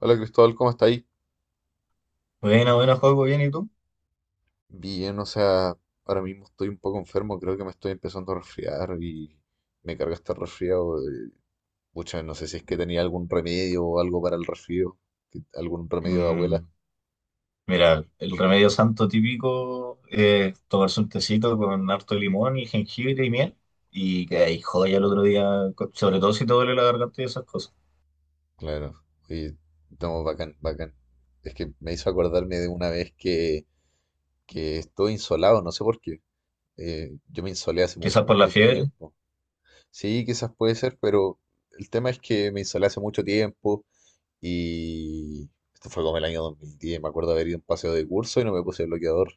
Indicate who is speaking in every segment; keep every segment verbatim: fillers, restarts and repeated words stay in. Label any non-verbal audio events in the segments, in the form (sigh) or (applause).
Speaker 1: Hola Cristóbal, ¿cómo está ahí?
Speaker 2: Buena, buena, juego, bien, ¿y tú?
Speaker 1: Bien, o sea, ahora mismo estoy un poco enfermo, creo que me estoy empezando a resfriar y me carga este resfriado. eh, Pucha, no sé si es que tenía algún remedio o algo para el resfrío, que- algún remedio de abuela.
Speaker 2: Mm, mira, el remedio santo típico es tomarse un tecito con harto limón y jengibre y miel y que ahí joya el otro día, co- sobre todo si te duele la garganta y esas cosas.
Speaker 1: Claro, oye, estamos bacán, bacán. Es que me hizo acordarme de una vez que, que estuve insolado, no sé por qué. Eh, yo me insolé hace mu-
Speaker 2: Quizás por la
Speaker 1: mucho
Speaker 2: fiebre,
Speaker 1: tiempo. Sí, quizás puede ser, pero el tema es que me insolé hace mucho tiempo. Y esto fue como el año dos mil diez. Me acuerdo haber ido a un paseo de curso y no me puse bloqueador.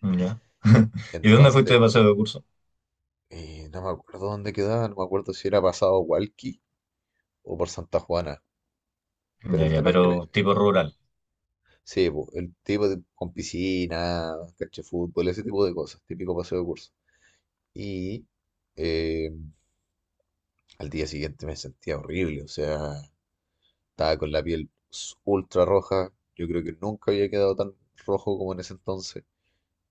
Speaker 2: mm, ya.
Speaker 1: En-
Speaker 2: (laughs) ¿Y dónde fuiste
Speaker 1: entonces,
Speaker 2: de paseo de curso?
Speaker 1: eh, no me acuerdo dónde quedaba, no me acuerdo si era pasado Hualqui o por Santa Juana. Pero
Speaker 2: Ya,
Speaker 1: el
Speaker 2: ya,
Speaker 1: tema es que me...
Speaker 2: pero tipo rural.
Speaker 1: Sí, po, el tipo de, con piscina, cancha de fútbol, ese tipo de cosas, típico paseo de curso. Y eh, al día siguiente me sentía horrible, o sea, estaba con la piel s- ultra roja. Yo creo que nunca había quedado tan rojo como en ese entonces.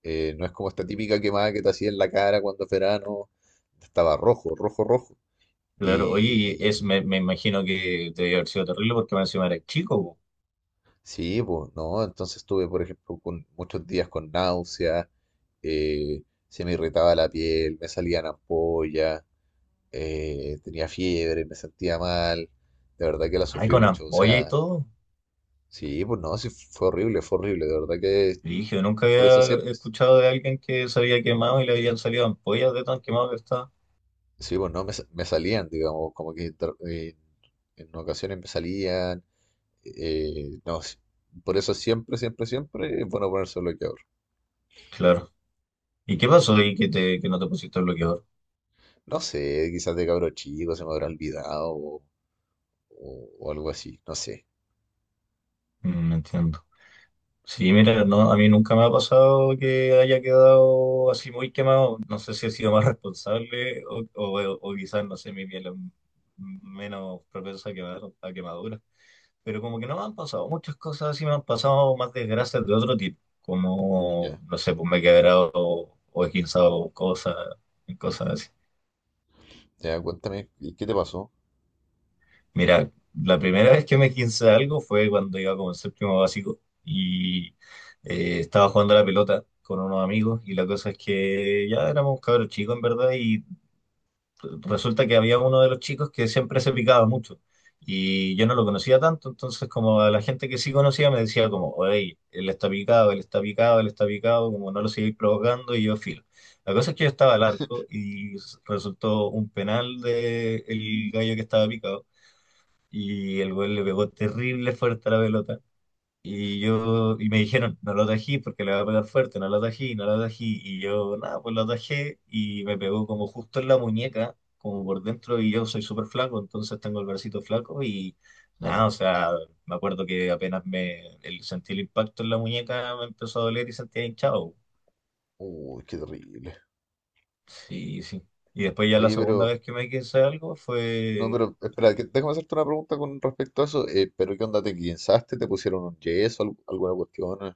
Speaker 1: Eh, no es como esta típica quemada que te hacía en la cara cuando es verano. Estaba rojo, rojo, rojo.
Speaker 2: Claro, oye, y es,
Speaker 1: Y
Speaker 2: me, me imagino que te debe haber sido terrible porque me encima eres chico, po.
Speaker 1: sí, pues no. Entonces estuve, por ejemplo, con muchos días con náuseas. eh, Se me irritaba la piel, me salían ampollas, eh, tenía fiebre, me sentía mal. De verdad que la
Speaker 2: Ay,
Speaker 1: sufrí
Speaker 2: con
Speaker 1: mucho. O
Speaker 2: ampolla y
Speaker 1: sea,
Speaker 2: todo.
Speaker 1: sí, pues no, sí, fue horrible, fue horrible. De verdad que
Speaker 2: Dije, nunca
Speaker 1: por eso
Speaker 2: había
Speaker 1: siempre,
Speaker 2: escuchado de alguien que se había quemado y le habían salido ampollas de tan quemado que estaba.
Speaker 1: sí, pues no, me, sa- me salían, digamos, como que tra- en en ocasiones me salían. Eh, no, si- por eso siempre, siempre, siempre es bueno ponerse bloqueador.
Speaker 2: Claro. ¿Y qué pasó
Speaker 1: Sí.
Speaker 2: ahí que, te, que no te pusiste el bloqueador?
Speaker 1: No sé, quizás de cabro chico se me habrá olvidado o, o- o algo así, no sé.
Speaker 2: Mm, entiendo. Sí, mira, no, a mí nunca me ha pasado que haya quedado así muy quemado. No sé si he sido más responsable o, o, o quizás, no sé, mi piel es menos propensa a quemar, a quemaduras. Pero como que no me han pasado muchas cosas así, me han pasado más desgracias de otro tipo. Como,
Speaker 1: Ya,
Speaker 2: no sé, pues me he quebrado o esguinzado cosas, cosas así.
Speaker 1: ya, cuéntame, ¿y qué te pasó?
Speaker 2: Mira, la primera vez que me quince algo fue cuando iba como en séptimo básico y eh, estaba jugando a la pelota con unos amigos y la cosa es que ya éramos cabros chicos en verdad y resulta que había uno de los chicos que siempre se picaba mucho y yo no lo conocía tanto, entonces como a la gente que sí conocía me decía como, oye, él está picado, él está picado, él está picado, como no lo sigáis provocando y yo filo. La cosa es que yo estaba al arco y resultó un penal del gallo que estaba picado y el güey le pegó terrible fuerte a la pelota. Y yo, y me dijeron, no lo atají porque le va a pegar fuerte, no lo atají, no lo atají. Y yo, nada, pues lo atajé y me pegó como justo en la muñeca, como por dentro, y yo soy súper flaco, entonces tengo el bracito flaco y nada,
Speaker 1: Claro.
Speaker 2: o sea, me acuerdo que apenas me el- sentí el impacto en la muñeca, me empezó a doler y sentía hinchado.
Speaker 1: Uy, qué terrible.
Speaker 2: Sí, sí. Y después ya la
Speaker 1: Oye,
Speaker 2: segunda
Speaker 1: pero,
Speaker 2: vez que me quise algo
Speaker 1: no,
Speaker 2: fue.
Speaker 1: pero, espera, que- déjame hacerte una pregunta con respecto a eso. Eh, ¿pero qué onda? ¿Te guinzaste? ¿Te pusieron un yeso? al- ¿Alguna cuestión? eh,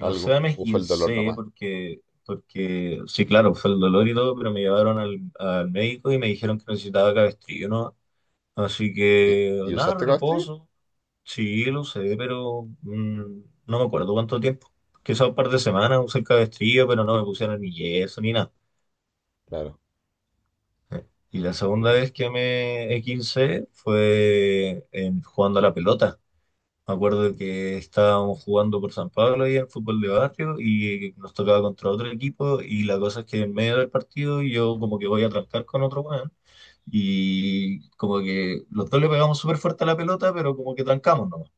Speaker 2: O
Speaker 1: ¿Algo?
Speaker 2: sea, me
Speaker 1: ¿O fue el dolor
Speaker 2: esguincé
Speaker 1: nomás?
Speaker 2: porque, porque, sí, claro, fue el dolor y todo, pero me llevaron al, al médico y me dijeron que necesitaba cabestrillo, ¿no? Así
Speaker 1: ¿Y,
Speaker 2: que,
Speaker 1: y
Speaker 2: nada,
Speaker 1: usaste cabestrillo?
Speaker 2: reposo. Sí, lo sé, pero mm, no me acuerdo cuánto tiempo. Quizá un par de semanas usé el cabestrillo, pero no me pusieron ni yeso ni nada.
Speaker 1: Claro,
Speaker 2: Y la segunda
Speaker 1: claro.
Speaker 2: vez que me esguincé fue en- jugando a la pelota. Me acuerdo que estábamos jugando por San Pablo ahí en fútbol de barrio y nos tocaba contra otro equipo y la cosa es que en medio del partido yo como que voy a trancar con otro weón y como que los dos le pegamos súper fuerte a la pelota pero como que trancamos nomás.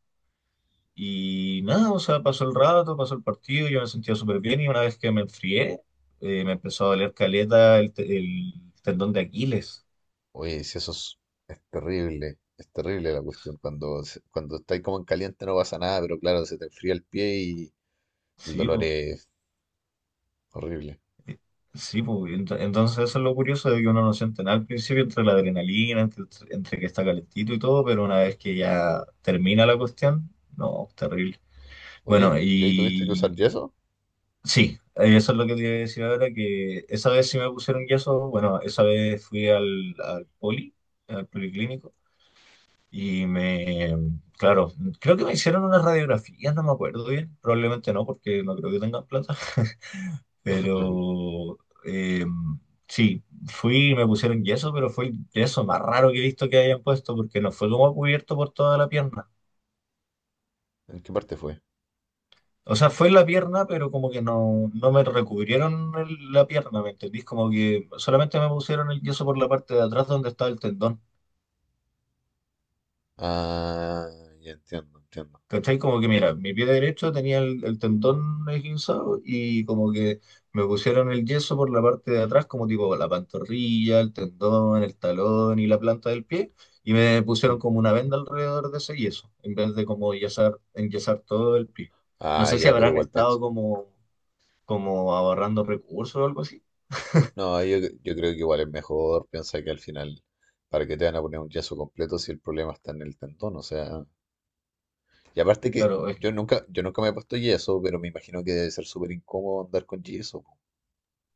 Speaker 2: Y nada, o sea, pasó el rato, pasó el partido, yo me sentía súper bien y una vez que me enfrié eh, me empezó a doler caleta el, te- el tendón de Aquiles.
Speaker 1: Oye, si eso es, es terrible, es terrible la cuestión. Cuando, se- cuando estáis como en caliente no pasa nada, pero claro, se te enfría el pie y el
Speaker 2: Sí,
Speaker 1: dolor
Speaker 2: po.
Speaker 1: es horrible.
Speaker 2: Sí, pues, ento- entonces eso es lo curioso de que uno no siente nada al principio entre la adrenalina, entre, entre que está calentito y todo, pero una vez que ya termina la cuestión, no, terrible. Bueno,
Speaker 1: Oye, ¿y ahí tuviste que usar
Speaker 2: y
Speaker 1: yeso?
Speaker 2: sí, eso es lo que te iba a decir ahora, que esa vez sí me pusieron yeso, bueno, esa vez fui al, al poli, al policlínico, y me, claro, creo que me hicieron unas radiografías, no me acuerdo bien, probablemente no, porque no creo que tengan plata. (laughs)
Speaker 1: (laughs) Lol,
Speaker 2: Pero eh, sí, fui y me pusieron yeso, pero fue el yeso más raro que he visto que hayan puesto, porque no fue como cubierto por toda la pierna.
Speaker 1: ¿en qué parte fue?
Speaker 2: O sea, fue en la pierna, pero como que no, no me recubrieron el- la pierna, ¿me entendís? Como que solamente me pusieron el yeso por la parte de atrás donde estaba el tendón.
Speaker 1: Ah, ya entiendo, entiendo.
Speaker 2: ¿Cachai? Como que
Speaker 1: Es-
Speaker 2: mira, mi pie derecho tenía el, el tendón esguinzado y como que me pusieron el yeso por la parte de atrás, como tipo la pantorrilla, el tendón, el talón y la planta del pie, y me pusieron
Speaker 1: sí.
Speaker 2: como una venda alrededor de ese yeso, en vez de como yesar, enyesar todo el pie. No
Speaker 1: Ah,
Speaker 2: sé si
Speaker 1: ya, pero
Speaker 2: habrán
Speaker 1: igual
Speaker 2: estado
Speaker 1: piensa.
Speaker 2: como, como ahorrando recursos o algo así.
Speaker 1: No, yo, yo creo que igual es mejor. Piensa que al final, ¿para qué te van a poner un yeso completo si el problema está en el tendón? O sea, y aparte que
Speaker 2: Claro,
Speaker 1: yo nunca, yo nunca me he puesto yeso, pero me imagino que debe ser súper incómodo andar con yeso.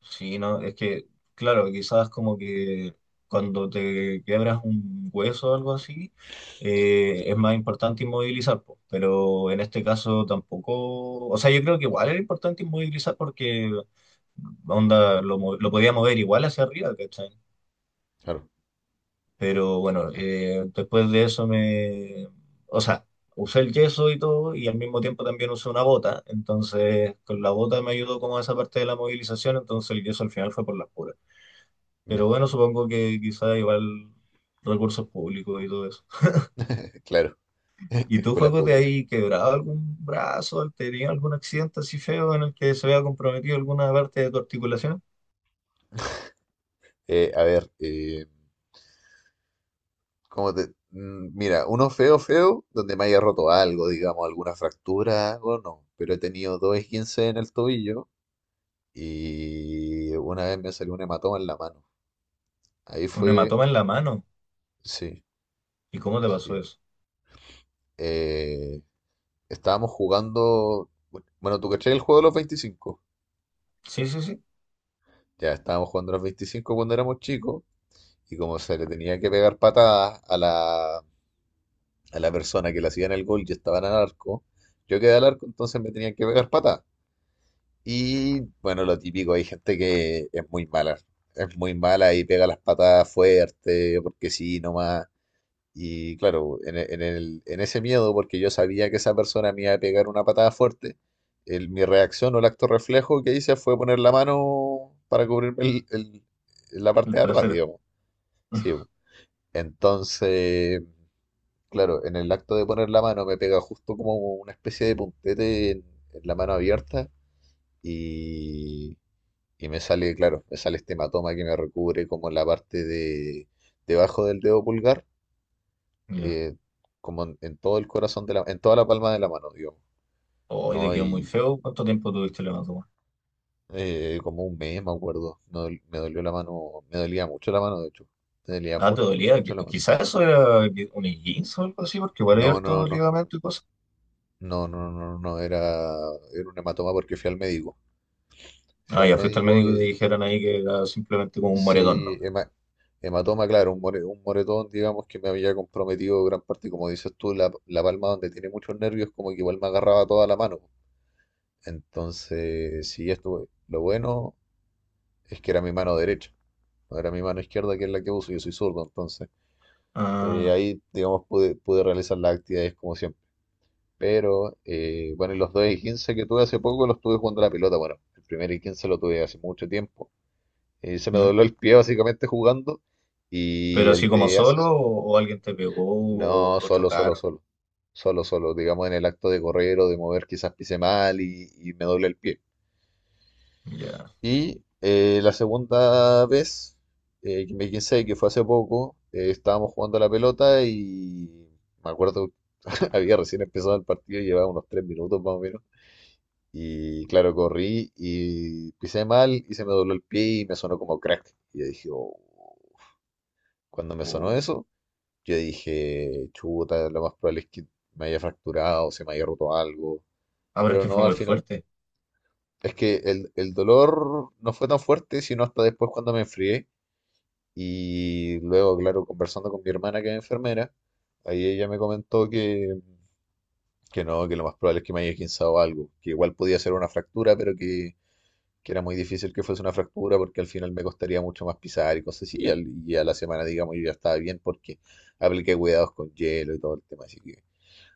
Speaker 2: sí, no, es que, claro, quizás como que cuando te quiebras un hueso o algo así, eh, es más importante inmovilizar, po, pero en este caso tampoco, o sea, yo creo que igual era importante inmovilizar porque onda lo, mo- lo podía mover igual hacia arriba, ¿cachai?
Speaker 1: Claro,
Speaker 2: Pero bueno,
Speaker 1: claro.
Speaker 2: eh, después de eso me, o sea, usé el yeso y todo y al mismo tiempo también usé una bota, entonces con la bota me ayudó como esa parte de la movilización, entonces el yeso al final fue por las puras.
Speaker 1: Ya,
Speaker 2: Pero bueno, supongo que quizá igual recursos públicos y todo eso.
Speaker 1: claro. (laughs)
Speaker 2: ¿Y tú,
Speaker 1: Escuela
Speaker 2: Juego, te
Speaker 1: pública.
Speaker 2: has quebrado algún brazo? ¿Has tenido algún accidente así feo en el que se vea comprometido alguna parte de tu articulación?
Speaker 1: Eh, a ver, eh, ¿cómo te...? Mm, Mira, uno feo, feo, donde me haya roto algo, digamos, alguna fractura, algo, no. Pero he tenido dos esguinces en el tobillo y una vez me salió un hematoma en la mano. Ahí
Speaker 2: Un
Speaker 1: fue,
Speaker 2: hematoma en la mano.
Speaker 1: sí,
Speaker 2: ¿Y cómo te pasó
Speaker 1: sí.
Speaker 2: eso?
Speaker 1: Eh, Estábamos jugando, bueno, ¿tú cachai el juego de los veinticinco?
Speaker 2: Sí, sí, sí.
Speaker 1: Ya estábamos jugando los veinticinco cuando éramos chicos y como se le tenía que pegar patadas a la, a la persona que le hacían el gol, yo estaba en el arco, yo quedé al arco, entonces me tenían que pegar pata. Y bueno, lo típico, hay gente que es muy mala, es muy mala y pega las patadas fuerte, porque sí, nomás. Y claro, en, e- en el, en ese miedo, porque yo sabía que esa persona me iba a pegar una patada fuerte, el- mi reacción o el acto reflejo que hice fue poner la mano para cubrirme el- el- la parte
Speaker 2: El
Speaker 1: de atrás,
Speaker 2: trasero.
Speaker 1: digamos. Sí, po,
Speaker 2: (laughs)
Speaker 1: entonces. Claro, en el acto de poner la mano me pega justo como una especie de puntete en, en la mano abierta y, y me sale, claro, me sale este hematoma que me recubre como la parte de debajo del dedo pulgar,
Speaker 2: Ya.
Speaker 1: eh, como en, en todo el corazón de la, en toda la palma de la mano, digamos,
Speaker 2: Hoy te
Speaker 1: ¿no?
Speaker 2: quedó muy
Speaker 1: Y
Speaker 2: feo. ¿Cuánto tiempo tuviste el hematoma?
Speaker 1: eh, como un mes, me acuerdo, me, dol- me dolió la mano, me dolía mucho la mano, de hecho, me dolía
Speaker 2: Ah, te
Speaker 1: mucho, mucho,
Speaker 2: dolía.
Speaker 1: mucho
Speaker 2: Qui-
Speaker 1: la mano.
Speaker 2: Quizás eso era qui- un esguince o algo así, porque igual hay
Speaker 1: No, no,
Speaker 2: harto
Speaker 1: no,
Speaker 2: ligamento y cosas.
Speaker 1: no, no, no, no, no, era, era un hematoma porque fui al médico. Fui
Speaker 2: Ah,
Speaker 1: al
Speaker 2: ya fuiste al
Speaker 1: médico
Speaker 2: médico y te
Speaker 1: y,
Speaker 2: dijeron ahí que era simplemente como un moretón,
Speaker 1: sí,
Speaker 2: ¿no?
Speaker 1: hema- hematoma, claro, un, more- un moretón, digamos, que me había comprometido gran parte, como dices tú, la, la palma donde tiene muchos nervios, como que igual me agarraba toda la mano. Entonces, sí, esto, lo bueno es que era mi mano derecha, no era mi mano izquierda, que es la que uso, yo soy zurdo, entonces eh,
Speaker 2: Ah,
Speaker 1: ahí, digamos, pude, pude realizar las actividades como siempre. Pero, eh, bueno, y los dos y quince que tuve hace poco los tuve jugando a la pelota, bueno, el primer y quince lo tuve hace mucho tiempo. Eh, se me
Speaker 2: ya.
Speaker 1: dobló el pie básicamente jugando.
Speaker 2: Pero
Speaker 1: Y
Speaker 2: así
Speaker 1: el
Speaker 2: como
Speaker 1: de
Speaker 2: solo,
Speaker 1: Asis,
Speaker 2: o, o alguien te pegó, o,
Speaker 1: no,
Speaker 2: o
Speaker 1: solo, solo,
Speaker 2: chocaron,
Speaker 1: solo. Solo, solo. Digamos en el acto de correr o de mover, quizás pise mal y, y me doble el pie.
Speaker 2: ya.
Speaker 1: Y eh, la segunda vez, eh, que me quise, que fue hace poco, eh, estábamos jugando a la pelota y me acuerdo, (laughs) había recién empezado el partido, llevaba unos tres minutos más o menos. Y claro, corrí y pisé mal y se me dobló el pie y me sonó como crack. Y yo dije, "Oh", cuando me sonó
Speaker 2: O...
Speaker 1: eso, yo dije, chuta, lo más probable es que me haya fracturado, se me haya roto algo.
Speaker 2: Ah, pero es
Speaker 1: Pero
Speaker 2: que fue
Speaker 1: no, al
Speaker 2: muy
Speaker 1: final,
Speaker 2: fuerte.
Speaker 1: es que el, el dolor no fue tan fuerte, sino hasta después cuando me enfrié. Y luego, claro, conversando con mi hermana, que es enfermera, ahí ella me comentó que, que, no, que lo más probable es que me haya esguinzado algo. Que igual podía ser una fractura, pero que, que era muy difícil que fuese una fractura porque al final me costaría mucho más pisar y cosas así. Y, al- y a la semana, digamos, yo ya estaba bien porque apliqué cuidados con hielo y todo el tema. Así que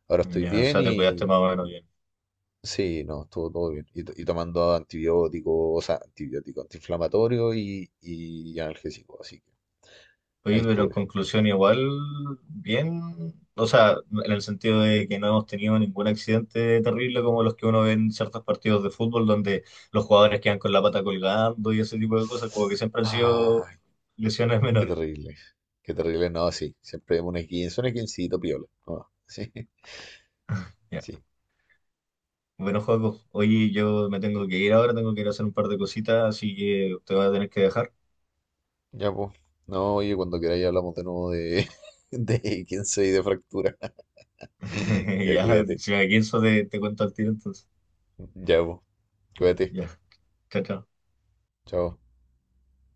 Speaker 1: ahora estoy
Speaker 2: Ya, o
Speaker 1: bien
Speaker 2: sea, te cuidaste
Speaker 1: y
Speaker 2: más o menos bien.
Speaker 1: sí, no, estuvo todo bien. Y, to- y tomando antibióticos, o sea, antibiótico antiinflamatorio y, y analgésico, así que ahí
Speaker 2: Oye, pero en
Speaker 1: estuve.
Speaker 2: conclusión, igual, bien. O sea, en el sentido de que no hemos tenido ningún accidente terrible como los que uno ve en ciertos partidos de fútbol, donde los jugadores quedan con la pata colgando y ese tipo de cosas, como que siempre han sido
Speaker 1: Ay,
Speaker 2: lesiones (laughs)
Speaker 1: qué
Speaker 2: menores.
Speaker 1: terrible, qué terrible, no, sí, siempre un esguince, un esguincito piola, no, (laughs) sí,
Speaker 2: Ya.
Speaker 1: sí,
Speaker 2: Bueno, Joaco, oye, yo me tengo que ir ahora, tengo que ir a hacer un par de cositas, así que te voy a tener que dejar.
Speaker 1: ya pues. No, oye, cuando queráis hablamos de nuevo de, (laughs) de esguince y de fractura. (laughs)
Speaker 2: (laughs)
Speaker 1: Ya
Speaker 2: Ya,
Speaker 1: cuídate,
Speaker 2: si me canso te, te cuento al tiro entonces.
Speaker 1: ya pues, cuídate,
Speaker 2: Ya, chao, chao.
Speaker 1: chao.